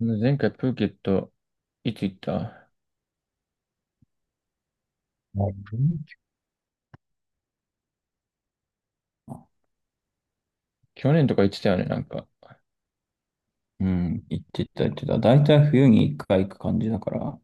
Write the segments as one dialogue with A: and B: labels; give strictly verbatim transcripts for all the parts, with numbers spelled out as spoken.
A: 前回プーケット、いつ行った？
B: なるほどね。
A: 去年とか行ってたよね、なんか。
B: うん、行ってた、行ってた。大体冬に一回行く感じだから。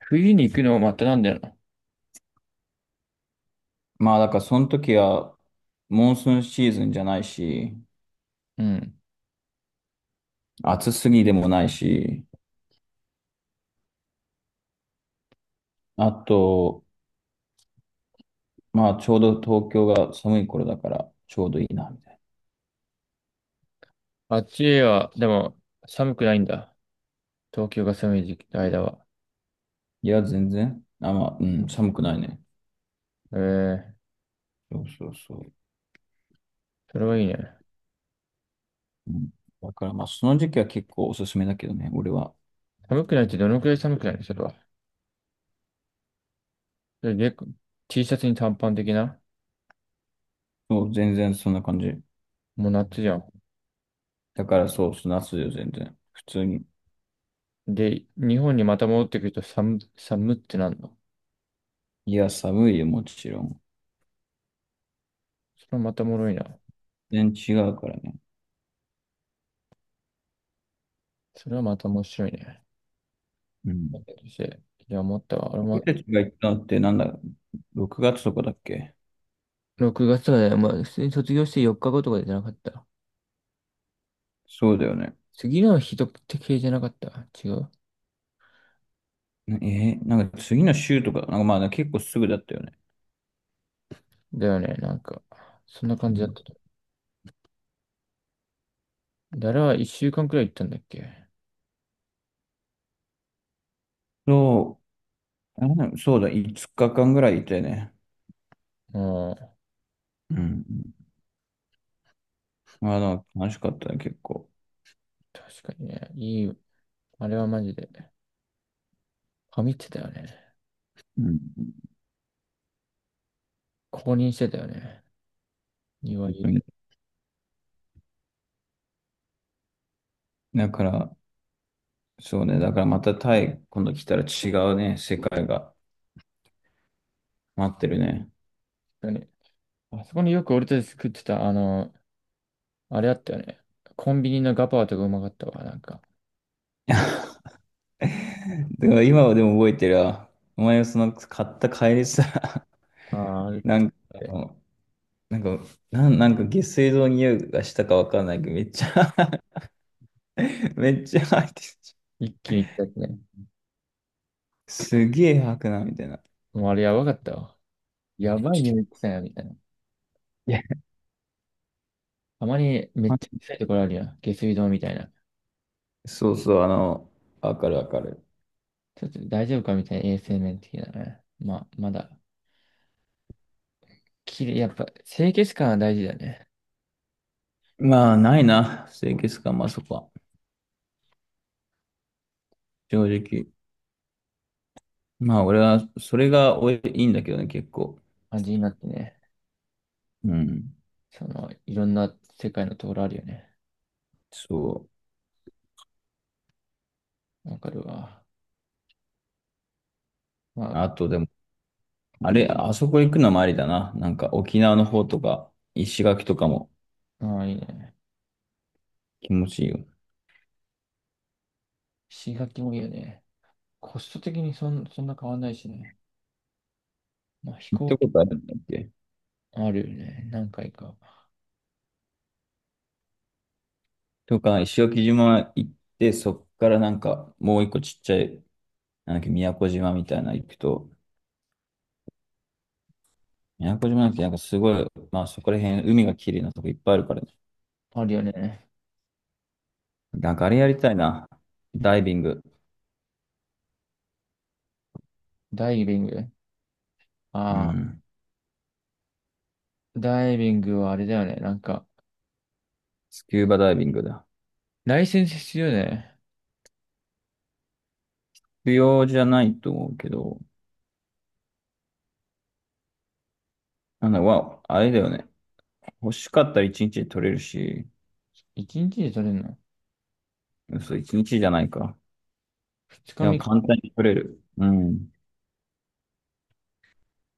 A: 冬に行くのまたなんだよな。
B: まあ、だからその時は、モンスーンシーズンじゃないし、
A: うん。
B: 暑すぎでもないし、あと、まあ、ちょうど東京が寒い頃だから、ちょうどいいな、みたいな。
A: あっちは、でも、寒くないんだ。東京が寒い時期の間は。
B: いや、全然。あ、まあ、うん、寒くないね。
A: ええ、
B: そうそうそう。
A: それはいいね。
B: うん、だから、まあ、その時期は結構おすすめだけどね、俺は。
A: 寒くないってどのくらい寒くないのそれは。それで、T シャツに短パン的な、
B: そう、全然そんな感じ。
A: もう夏じゃん。
B: だから、そう、夏よ、全然。普通に。
A: で、日本にまた戻ってくると寒、寒ってなんの？
B: いや、寒いよ、もちろん。
A: それはまたおもろいな。
B: 全然違うからね。
A: それはまた面白いね。
B: うん。
A: そして、いや、思ったわ。俺
B: 僕
A: も、
B: たちが行ったのってなんだ、ろくがつとかだっけ？
A: ろくがつまで、まあ、普通に卒業してよっかごとかじゃなかった？
B: そうだよね。
A: 次の日とって系じゃなかった？違う。
B: なえーなんか次の週とか、なんかまあね結構すぐだったよね。
A: だよね、なんか、そんな
B: う
A: 感じだっ
B: ん。
A: たと。だら一週間くらい行ったんだっけ？
B: そう、あれだよねそうだ、いつかかんぐらいいてね。
A: うん、
B: うん。まあ、な楽しかったね、結構。
A: 確かにね、いい、あれはマジで、ハミってたよね。
B: うん。
A: 公認してたよね。庭
B: 本
A: いい
B: 当
A: で
B: に。だから、そうね、だからまたタイ、今度来たら違うね、世界が待ってるね。
A: すよね。あそこによく俺たち食ってた、あの、あれあったよね。コンビニのガパオとかうまかったわ、なんか。
B: だから今はでも覚えてるわ。お前がその買った帰りさ、
A: ああ、
B: なんか、あのなんか、なん、なんか下水道の匂いがしたかわかんないけど、めっちゃ めっちゃ吐いてる。
A: 一気に来たやつね。
B: すげえ吐くな、みたいな。
A: もうあれやばかったわ。やばい匂い、臭いな、みたいな。
B: いや、
A: たまにめっちゃ臭いところあるやん。下水道みたいな。
B: そうそう、あの、わかるわかる。
A: ちょっと大丈夫かみたいな、衛生面的なね。まあ、まだ、きれい、やっぱ清潔感は大事だね。
B: まあ、ないな、清潔感、まあそこは。正直。まあ、俺は、それがおいいいんだけどね、結構。
A: 感じになってね。
B: うん。
A: その、いろんな世界のところあるよね。
B: そう。
A: わかるわ。まあ、
B: あと、でも、あれ、あそこ行くのもありだな。なんか、沖縄の方とか、石垣とかも
A: ああ、いいね。
B: 気持ちいいよ。
A: 石垣もいいよね。コスト的にそん、そんな変わんないしね。まあ、飛
B: 行っ
A: 行
B: た
A: 機
B: ことあるんだっけ？
A: あるよね。何回か。
B: とか、石垣島行って、そっからなんか、もう一個ちっちゃい、なんだっけ、宮古島みたいなの行くと、宮古島なんてなんかすごい、まあそこら辺、海が綺麗なとこいっぱいあるからね。
A: あるよね。
B: なんかあれやりたいな。ダイビング。
A: ダイビング。
B: う
A: ああ、
B: ん。
A: ダイビングはあれだよね。なんか、
B: スキューバダイビングだ。
A: ライセンス必要だよね。
B: 必要じゃないと思うけど、なんだ、わ、あれだよね。欲しかったら一日で取れるし、
A: 一日で取れるの？
B: 嘘、一日じゃないか。
A: 二
B: でも
A: 日
B: 簡
A: 三、
B: 単に取れる。うん。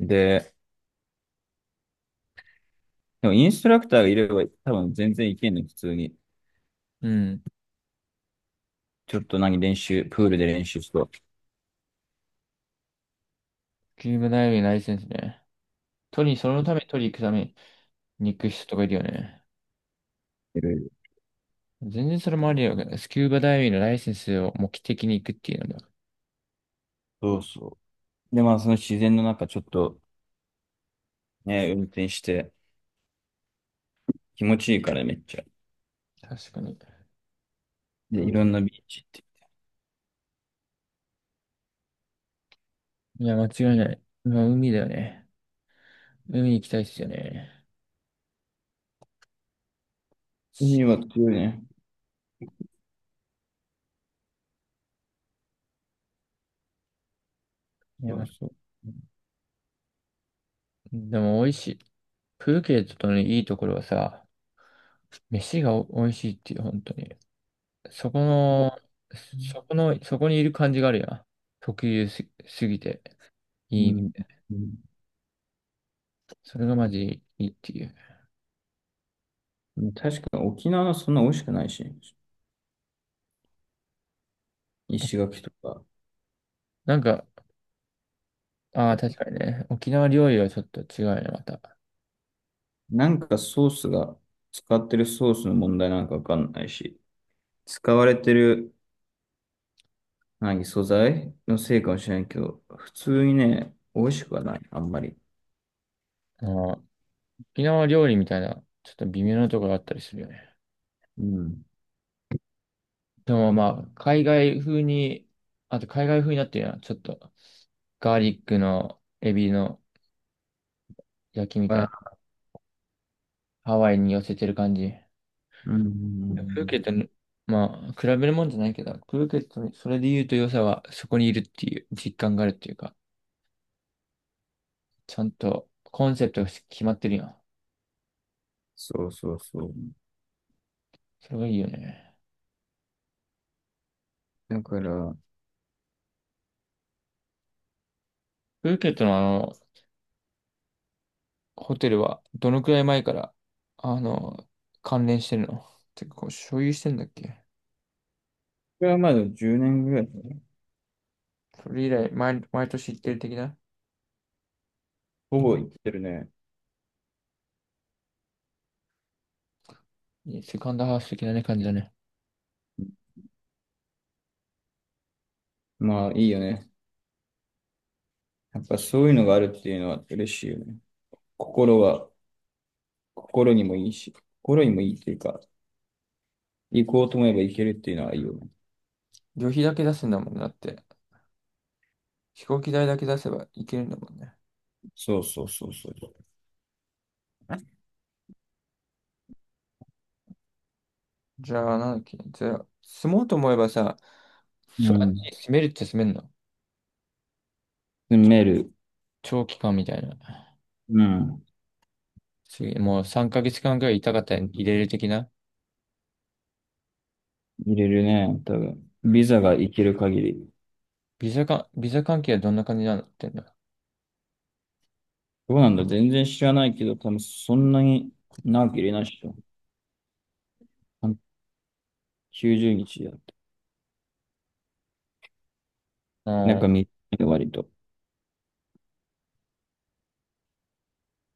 B: で、でもインストラクターがいれば多分全然いけんの、普通に。
A: うん。
B: ちょっと何練習、プールで練習しと、
A: スキューバダイビングライセンスね。取り、そのために取り行くために行く人とかいるよね。
B: いろいろ。
A: 全然それもありよね。スキューバダイビングのライセンスを目的に行くっていうのだ。
B: そうそう。で、まあその自然の中ちょっとね、運転して気持ちいいからめっちゃ。
A: 確かに。
B: で、いろんなビーチ行って。
A: いや、間違いない。まあ、海だよね。海行きたいっすよね。
B: 海は強いね。
A: いや、
B: そう
A: ま、
B: そう。
A: でも美味しい。プーケットのいいところはさ、飯がお美味しいっていう、本当に。そこの、そこの、そこにいる感じがあるやん。特有す、すぎて、
B: う
A: いい。
B: ん。うん、
A: それがマジいいっていう。
B: 確かに沖縄のそんな美味しくないし、石垣とか。
A: なんか、ああ、確かにね。沖縄料理はちょっと違うよね、また。あ
B: なんかソースが、使ってるソースの問題なんかわかんないし、使われてる何素材のせいかもしれないけど、普通にね、美味しくはない、あんまり。
A: ー、沖縄料理みたいな、ちょっと微妙なところがあったりするよね。
B: うん。
A: でもまあ、海外風に、あと海外風になってるのは、ちょっとガーリックのエビの焼きみたい
B: ま
A: な、
B: あ、
A: ハワイに寄せてる感じ。
B: う
A: プーケッ
B: ん。
A: トに、まあ、比べるもんじゃないけど、プーケットに、それで言うと良さは、そこにいるっていう実感があるっていうか、ちゃんとコンセプトが決まってるやん。
B: そうそうそう。
A: それがいいよね。
B: だから、こ
A: プーケットのあホテルはどのくらい前から、あの、関連してるの？てか、こう、所有してんだっけ？
B: れはまだじゅうねんぐらいかな、
A: それ以来、毎、毎年行ってる的な、
B: ほぼ行ってるね。
A: いいセカンドハウス的なね、感じだね。
B: まあいいよね。やっぱそういうのがあるっていうのは嬉しいよね。心は、心にもいいし、心にもいいっていうか、行こうと思えば行けるっていうのはいいよね。
A: 旅費だけ出すんだもんなって。飛行機代だけ出せば行けるんだもんね。
B: そうそうそうそう。
A: じゃあ、なんだっけ？じゃあ、住もうと思えばさ、そ、
B: うん。
A: 住めるって住めんの？
B: でメール、
A: 長期間みたいな。
B: うん。
A: 次、もうさんかげつかんくらいいたかったら入れる的な、
B: 入れるね、多分。ビザが行ける限り。
A: ビザか、ビザ関係はどんな感じになってんだ？
B: どうなんだ全然知らないけど、多分そんなに長く入れないっしょ。きゅうじゅうにちだ。
A: あ
B: なん
A: あ
B: か
A: ー、
B: 短いの割と。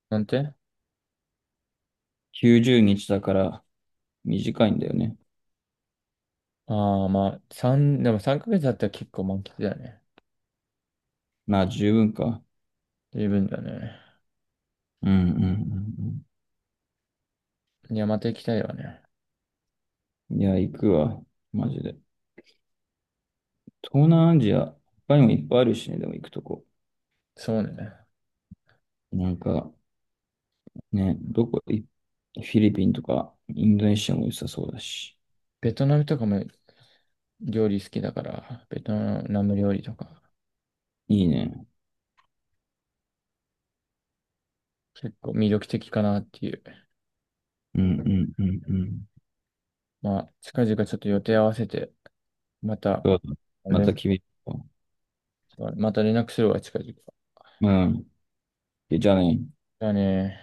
A: なんて？
B: きゅうじゅうにちだから短いんだよね。
A: ああ、まあ、三、でもさんかげつだったら結構満喫だよね。
B: まあ十分か。
A: 十分だね。
B: うんうんうん
A: いや、また行きたいわね。
B: うん。いや、行くわ。マジで。東南アジア、他にもいっぱいあるしね、でも行くとこ。
A: そうね。
B: なんか、ね、どこ、いフィリピンとか、インドネシアも良さそうだし。
A: ベトナムとかも料理好きだから、ベトナム料理とか、
B: いいね。
A: 結構魅力的かなっていう。
B: うんうんうんうん。
A: まあ、近々ちょっと予定合わせて、また
B: そうだ。また
A: 連、
B: 君と。
A: また連絡するわ、近々。
B: うん。じゃあね。
A: だね。